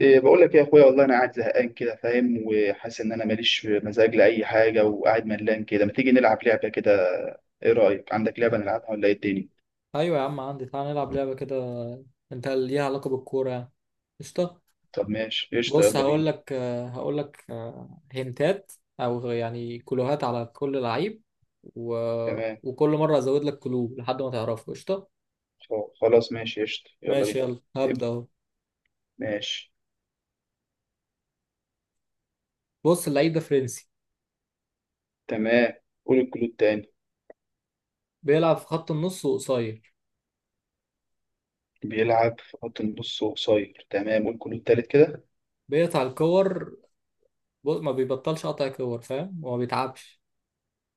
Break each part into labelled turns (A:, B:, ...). A: إيه، بقول لك إيه يا اخويا، والله انا قاعد زهقان كده، فاهم وحاسس ان انا ماليش مزاج لاي حاجه وقاعد ملان كده. ما تيجي نلعب لعبه كده؟ ايه رايك، عندك لعبه
B: يا-
A: نلعبها ولا ايه الدنيا؟
B: ايوه يا عم عندي، تعال نلعب لعبه كده. انت ليها علاقه بالكوره يعني؟ قشطه.
A: طب ماشي قشطه،
B: بص
A: يلا بينا.
B: هقول لك. هنتات او يعني كلوهات على كل لعيب و...
A: تمام.
B: وكل مره ازود لك كلو لحد ما تعرفه. قشطه
A: خلاص ماشي قشطه يلا
B: ماشي،
A: بينا.
B: يلا هبدا
A: ابدأ.
B: اهو.
A: ماشي.
B: بص اللعيب ده فرنسي،
A: تمام، قول الكلود تاني.
B: بيلعب في خط النص وقصير،
A: بيلعب في خط النص وقصير، تمام قول الكلود تالت كده.
B: بيقطع الكور. بص ما بيبطلش قطع كور، فاهم؟ وما بيتعبش.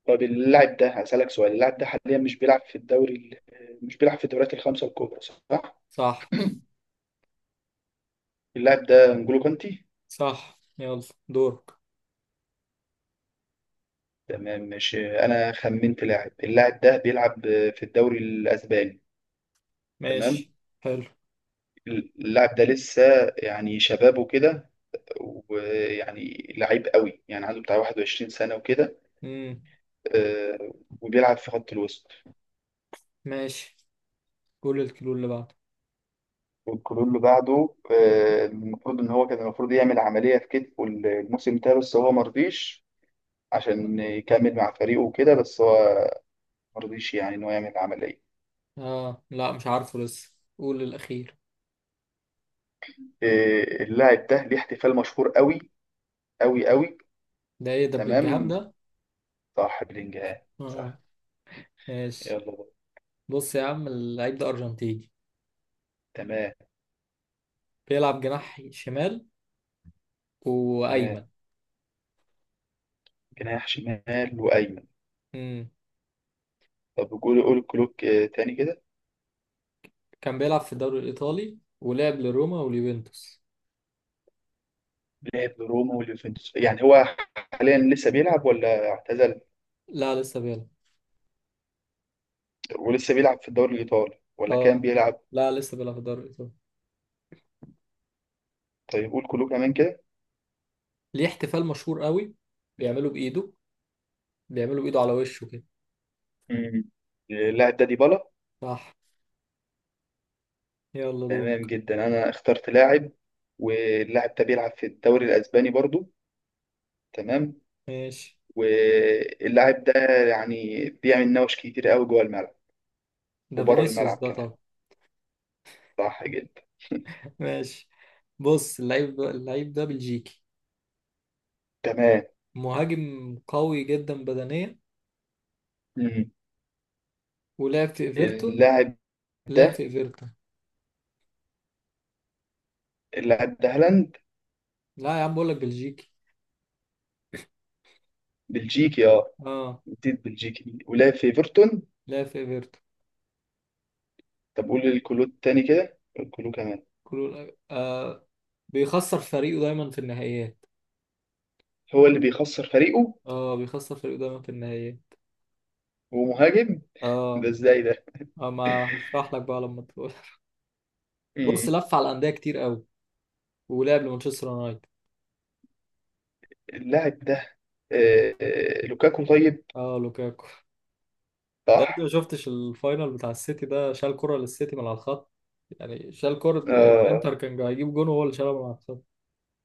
A: طب اللاعب ده هسألك سؤال، اللاعب ده حاليا مش بيلعب في مش بيلعب في الدوريات الخمسه الكبرى، صح؟
B: صح.
A: اللاعب ده نجولو كانتي.
B: صح يلا دورك.
A: تمام ماشي، انا خمنت لاعب، اللاعب ده بيلعب في الدوري الاسباني. تمام.
B: ماشي. حلو.
A: اللاعب ده لسه يعني شباب وكده، ويعني لعيب قوي، يعني عنده بتاع 21 سنة وكده.
B: امم
A: آه، وبيلعب في خط الوسط.
B: ماشي، قول الكيلو اللي بعده.
A: والكلون اللي بعده
B: مم.
A: المفروض ان هو كان المفروض يعمل عملية في كتفه الموسم ده بس هو مرضيش عشان يكمل مع فريقه وكده، بس هو مرضيش يعني ان هو يعمل عملية.
B: اه لا مش عارفه، لسه قول الاخير.
A: اللاعب ده ليه احتفال مشهور قوي قوي قوي.
B: ده ايه ده، بلينجهام
A: تمام،
B: ده؟
A: صح بلينجهام
B: اه
A: صح.
B: ماشي.
A: يلا بقى.
B: بص يا عم اللعيب ده ارجنتيني،
A: تمام.
B: بيلعب جناح شمال
A: تمام،
B: وايمن.
A: جناح شمال وأيمن.
B: امم
A: طب قول كلوك تاني كده.
B: كان بيلعب في الدوري الايطالي ولعب لروما واليوفنتوس.
A: لعب لروما واليوفنتوس، يعني هو حاليا لسه بيلعب ولا اعتزل؟
B: لا لسه بيلعب.
A: ولسه بيلعب في الدوري الإيطالي ولا كان
B: اه
A: بيلعب؟
B: لا لسه بيلعب في الدوري الايطالي.
A: طيب قول كلوك كمان كده.
B: ليه احتفال مشهور قوي، بيعمله بايده، بيعمله بايده على وشه كده.
A: مم. اللاعب ده ديبالا.
B: صح يلا
A: تمام
B: دورك.
A: جدا، أنا اخترت لاعب، واللاعب ده بيلعب في الدوري الأسباني برضو. تمام.
B: ماشي.
A: واللاعب ده يعني بيعمل نوش كتير قوي جوه الملعب
B: ده
A: وبره
B: فينيسيوس
A: الملعب
B: ده
A: كمان.
B: طبعا.
A: صح جدا.
B: ماشي، بص اللعيب ده بلجيكي،
A: تمام.
B: مهاجم قوي جدا بدنيا،
A: مم.
B: ولعب في ايفرتون.
A: اللاعب
B: لعب في
A: ده
B: ايفرتون.
A: اللاعب ده هالاند.
B: لا يا عم بقول لك بلجيكي.
A: بلجيكي اه،
B: اه.
A: جديد بلجيكي ولعب في ايفرتون.
B: لعب في ايفرتون.
A: طب قول الكلو التاني كده، الكلو كمان.
B: كله آه، بيخسر فريقه دايما في النهائيات.
A: هو اللي بيخسر فريقه؟
B: اه بيخسر فريقه دايما في النهائيات.
A: ومهاجم؟ ده
B: اه.
A: ازاي ده؟
B: ما هشرح لك بقى لما تقول. بص
A: مم.
B: لف على انديه كتير قوي ولعب لمانشستر يونايتد.
A: اللاعب ده آه لوكاكو طيب.
B: اه لوكاكو.
A: صح.
B: طيب انت يا ابني ما شفتش الفاينل بتاع السيتي ده؟ شال كرة للسيتي من على الخط، يعني شال كرة،
A: آه.
B: الانتر كان هيجيب جون وهو اللي شالها من على الخط.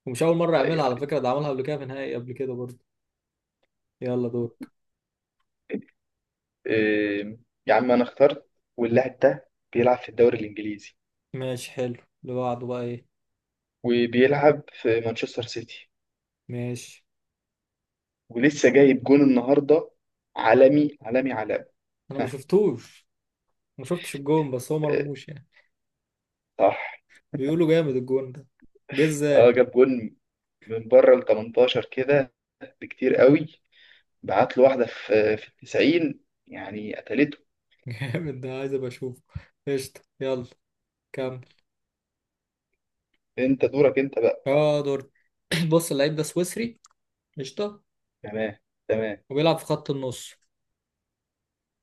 B: ومش أول مرة يعملها
A: ايوه.
B: على فكرة، ده عملها قبل كده في نهائي قبل كده برضه. يلا دورك.
A: آه، يا عم انا اخترت، واللاعب ده بيلعب في الدوري الانجليزي،
B: ماشي حلو، اللي بعده بقى ايه؟
A: وبيلعب في مانشستر سيتي،
B: ماشي.
A: ولسه جايب جون النهارده، عالمي عالمي عالمي.
B: أنا ما
A: ها.
B: شفتوش، ما شفتش الجون، بس هو
A: آه،
B: مرموش يعني.
A: صح.
B: بيقولوا جامد الجون ده، جه
A: اه
B: ازاي؟
A: جاب جون من بره ال 18 كده، بكتير قوي، بعت له واحده في في ال 90، يعني قتلته.
B: جامد، ده عايز ابقى اشوفه. قشطة يلا، كمل.
A: انت دورك انت بقى.
B: اه دور. بص اللعيب ده سويسري. قشطة.
A: تمام. تمام،
B: وبيلعب في خط النص.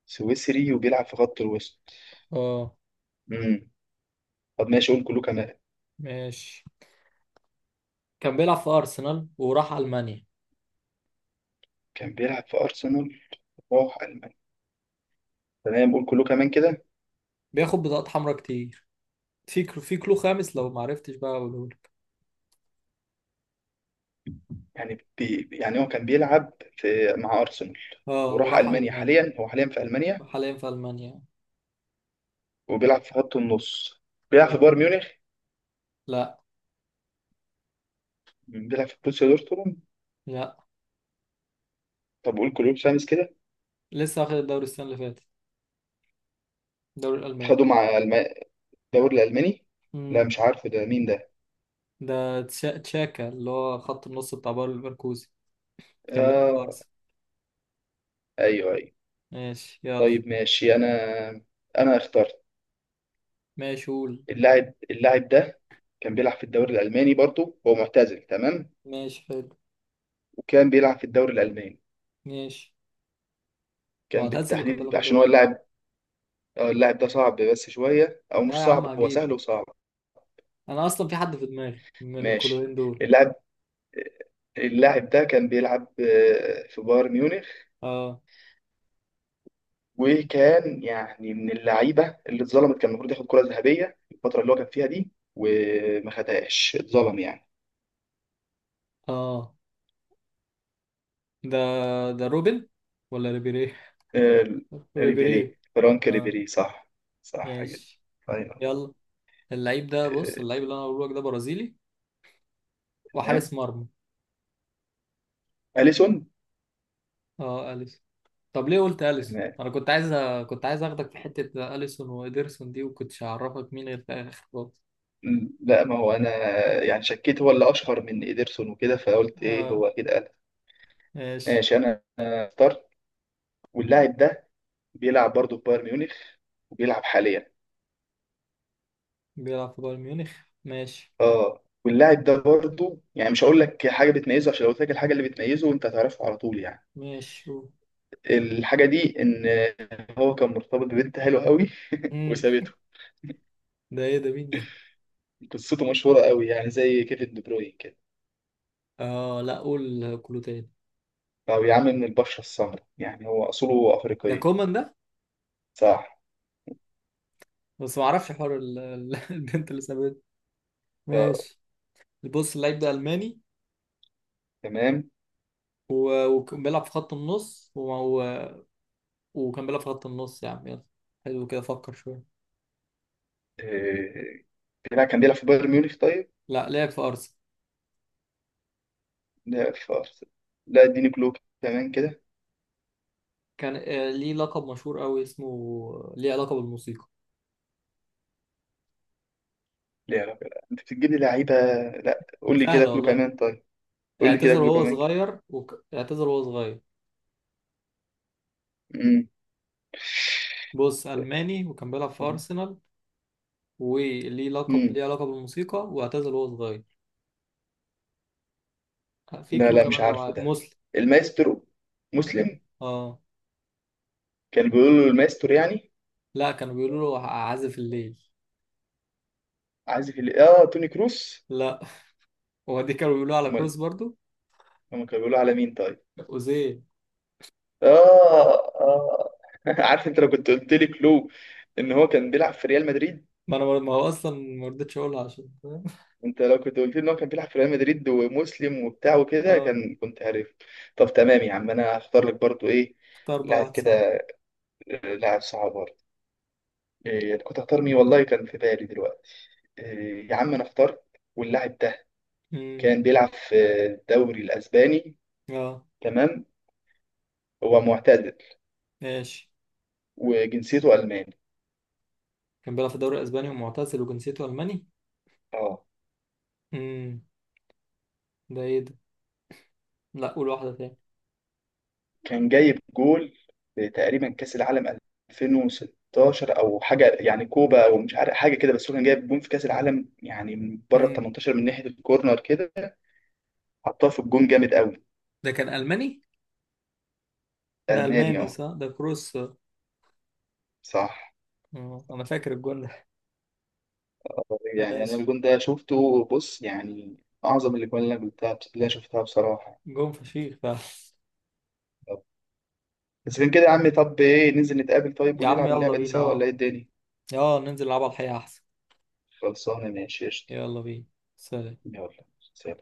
A: سويسري وبيلعب في خط الوسط.
B: اه
A: امم. طب ماشي، قول كله كمان.
B: ماشي. كان بيلعب في أرسنال وراح ألمانيا.
A: كان بيلعب في ارسنال، راح المانيا، تمام قول كله كمان كده.
B: بياخد بطاقات حمراء كتير. في كلو، في كلو خامس لو معرفتش بقى أقولهولك.
A: يعني يعني هو كان بيلعب في مع ارسنال،
B: اه
A: وراح
B: وراح
A: المانيا،
B: ألمانيا.
A: حاليا هو حاليا في المانيا،
B: حاليا في ألمانيا.
A: وبيلعب في خط النص. بيلعب في
B: أيوة.
A: بايرن ميونخ.
B: لا.
A: بيلعب في بروسيا دورتموند.
B: لا،
A: طب قول كلوب سامس كده.
B: لسه واخد الدوري السنة اللي فاتت، الدوري الألماني.
A: خدوا مع الم... الدوري الألماني. لا
B: مم.
A: مش عارفه ده مين ده.
B: ده تشاكا اللي هو خط النص بتاع باير ليفركوزن. كان بيلعب في
A: آه.
B: أرسنال.
A: أيوه أيوه.
B: ماشي يلا.
A: طيب ماشي، أنا اخترت.
B: ماشي قول.
A: اللاعب ده كان بيلعب في الدوري الألماني برضه، هو معتزل، تمام.
B: ماشي حلو.
A: وكان بيلعب في الدوري الألماني.
B: ماشي.
A: كان
B: معتزل وكان بيلعب
A: بالتحديد
B: في
A: عشان
B: الدوري
A: هو
B: الألماني.
A: اللاعب. اللاعب ده صعب بس شوية، أو
B: يا
A: مش
B: يا عم
A: صعب، هو
B: هجيب.
A: سهل وصعب.
B: أنا أصلا في حد في دماغي من
A: ماشي.
B: الكلوين دول.
A: اللاعب اللاعب ده كان بيلعب في بايرن ميونخ،
B: اه.
A: وكان يعني من اللعيبه اللي اتظلمت، كان المفروض ياخد كره ذهبيه الفتره اللي هو كان فيها دي، وما خدهاش، اتظلم يعني.
B: اه. ده. ده روبن ولا ريبيري؟
A: آه،
B: ريبيري.
A: ريبيري، فرانك
B: اه
A: ريبيري صح. صح جدا.
B: ماشي.
A: طيب.
B: يلا. اللعيب ده، بص
A: آه،
B: اللعيب اللي انا هقوله لك ده برازيلي وحارس
A: تمام.
B: مرمى.
A: اليسون.
B: اه اليسون. طب ليه قلت اليسون؟
A: تمام.
B: انا كنت كنت عايز اخدك في حتة اليسون وإيدرسون دي وكنتش هعرفك مين غير في الاخر خالص.
A: لا ما هو انا يعني شكيت هو اللي اشهر من ايدرسون وكده، فقلت ايه
B: اه
A: هو اكيد قال.
B: ماشي.
A: ماشي، انا اخترت، واللاعب ده بيلعب برضه في بايرن ميونخ، وبيلعب حاليا.
B: بيلعب في بايرن ميونخ. ماشي.
A: اه، واللاعب ده برضه يعني مش هقول لك حاجه بتميزه، عشان لو قلت لك الحاجه اللي بتميزه انت هتعرفه على طول يعني.
B: ماشي شوف.
A: الحاجه دي ان هو كان مرتبط ببنت حلوه قوي
B: امم
A: وسابته.
B: ده ايه ده، مين ده؟
A: قصته مشهوره قوي، يعني زي كيفن دي بروين كده.
B: اه لا قول كله تاني.
A: او يا عم، من البشره السمراء، يعني هو اصوله
B: ده
A: افريقيه.
B: كومان ده.
A: صح.
B: بس ما اعرفش حوار البنت اللي سابته.
A: آه.
B: ماشي. بص اللعيب ده ألماني،
A: تمام.
B: وكان بيلعب في خط النص و... وكان بيلعب في خط النص، يا عم يلا. حلو كده، فكر شوية.
A: آه. لا كان بيلعب في بايرن ميونخ طيب.
B: لا لعب في أرسنال.
A: لا في أرسنال. لا اديني كلوب كمان كده.
B: كان آه، ليه لقب مشهور أوي، اسمه ليه علاقة بالموسيقى.
A: لا. انت بتجيب لي لعيبه. لا قول لي كده
B: سهلة
A: كلوب
B: والله.
A: كمان طيب. قول لي كده
B: اعتزل
A: كلوب
B: وهو
A: كمان
B: صغير، اعتزل وهو صغير.
A: كده.
B: بص، ألماني وكان بيلعب في أرسنال، وليه لقب
A: مم.
B: ليه علاقة بالموسيقى، واعتزل وهو صغير. في
A: لا
B: كلو
A: لا مش
B: كمان، لو
A: عارفه ده.
B: مسلم.
A: المايسترو. مسلم.
B: اه
A: كان بيقولوا له المايسترو يعني.
B: لا، كانوا بيقولوا له عازف الليل.
A: عازف اه، توني كروس.
B: لا، هو دي كانوا بيقولوا على
A: امال
B: كروس برضو.
A: هم كانوا بيقولوا على مين طيب؟
B: أوزيل.
A: اه. اه. عارف انت لو كنت قلت لي كلو ان هو كان بيلعب في ريال مدريد.
B: ما انا ما هو اصلا ما رضيتش اقولها، عشان فاهم؟
A: انت لو كنت قلت لي ان هو كان بيلعب في ريال مدريد ومسلم وبتاع وكده،
B: اه.
A: كان كنت عارف. طب تمام يا عم، انا هختار لك برضو ايه،
B: اختار بقى
A: لاعب
B: واحد صعب.
A: كده، لاعب صعب. إيه، كنت اختار مين والله، كان في بالي دلوقتي. إيه، يا عم انا اخترت، واللاعب ده
B: امم
A: كان بيلعب في الدوري الاسباني.
B: اه
A: تمام. هو معتزل،
B: ماشي.
A: وجنسيته الماني.
B: كان بيلعب في الدوري الاسباني ومعتزل وجنسيته الماني.
A: اه.
B: امم ده ايه ده؟ لا قول واحده تاني.
A: كان جايب جول في تقريبا كاس العالم 2016 او حاجه، يعني كوبا او مش عارف حاجه كده، بس هو كان جايب جون في كاس العالم يعني، من بره ال
B: امم
A: 18، من ناحيه الكورنر كده، حطها في الجون جامد قوي.
B: ده كان الماني. ده
A: الماني
B: الماني
A: اه،
B: صح، ده كروس.
A: صح.
B: اه انا فاكر الجون ده.
A: يعني انا
B: ماشي.
A: الجون ده شفته بص يعني، اعظم الاجوان اللي انا قلتها اللي انا شفتها بصراحه.
B: جون فشيخ بقى.
A: بس كان كده يا عمي، طب ايه ننزل نتقابل طيب
B: يا عم
A: ونلعب
B: يلا
A: اللعبه دي
B: بينا.
A: سوا ولا
B: اه،
A: ايه الدنيا؟
B: ننزل نلعب على الحقيقه احسن.
A: خلصانه، ماشي قشطه.
B: يلا بينا. سلام.
A: يلا. سلام.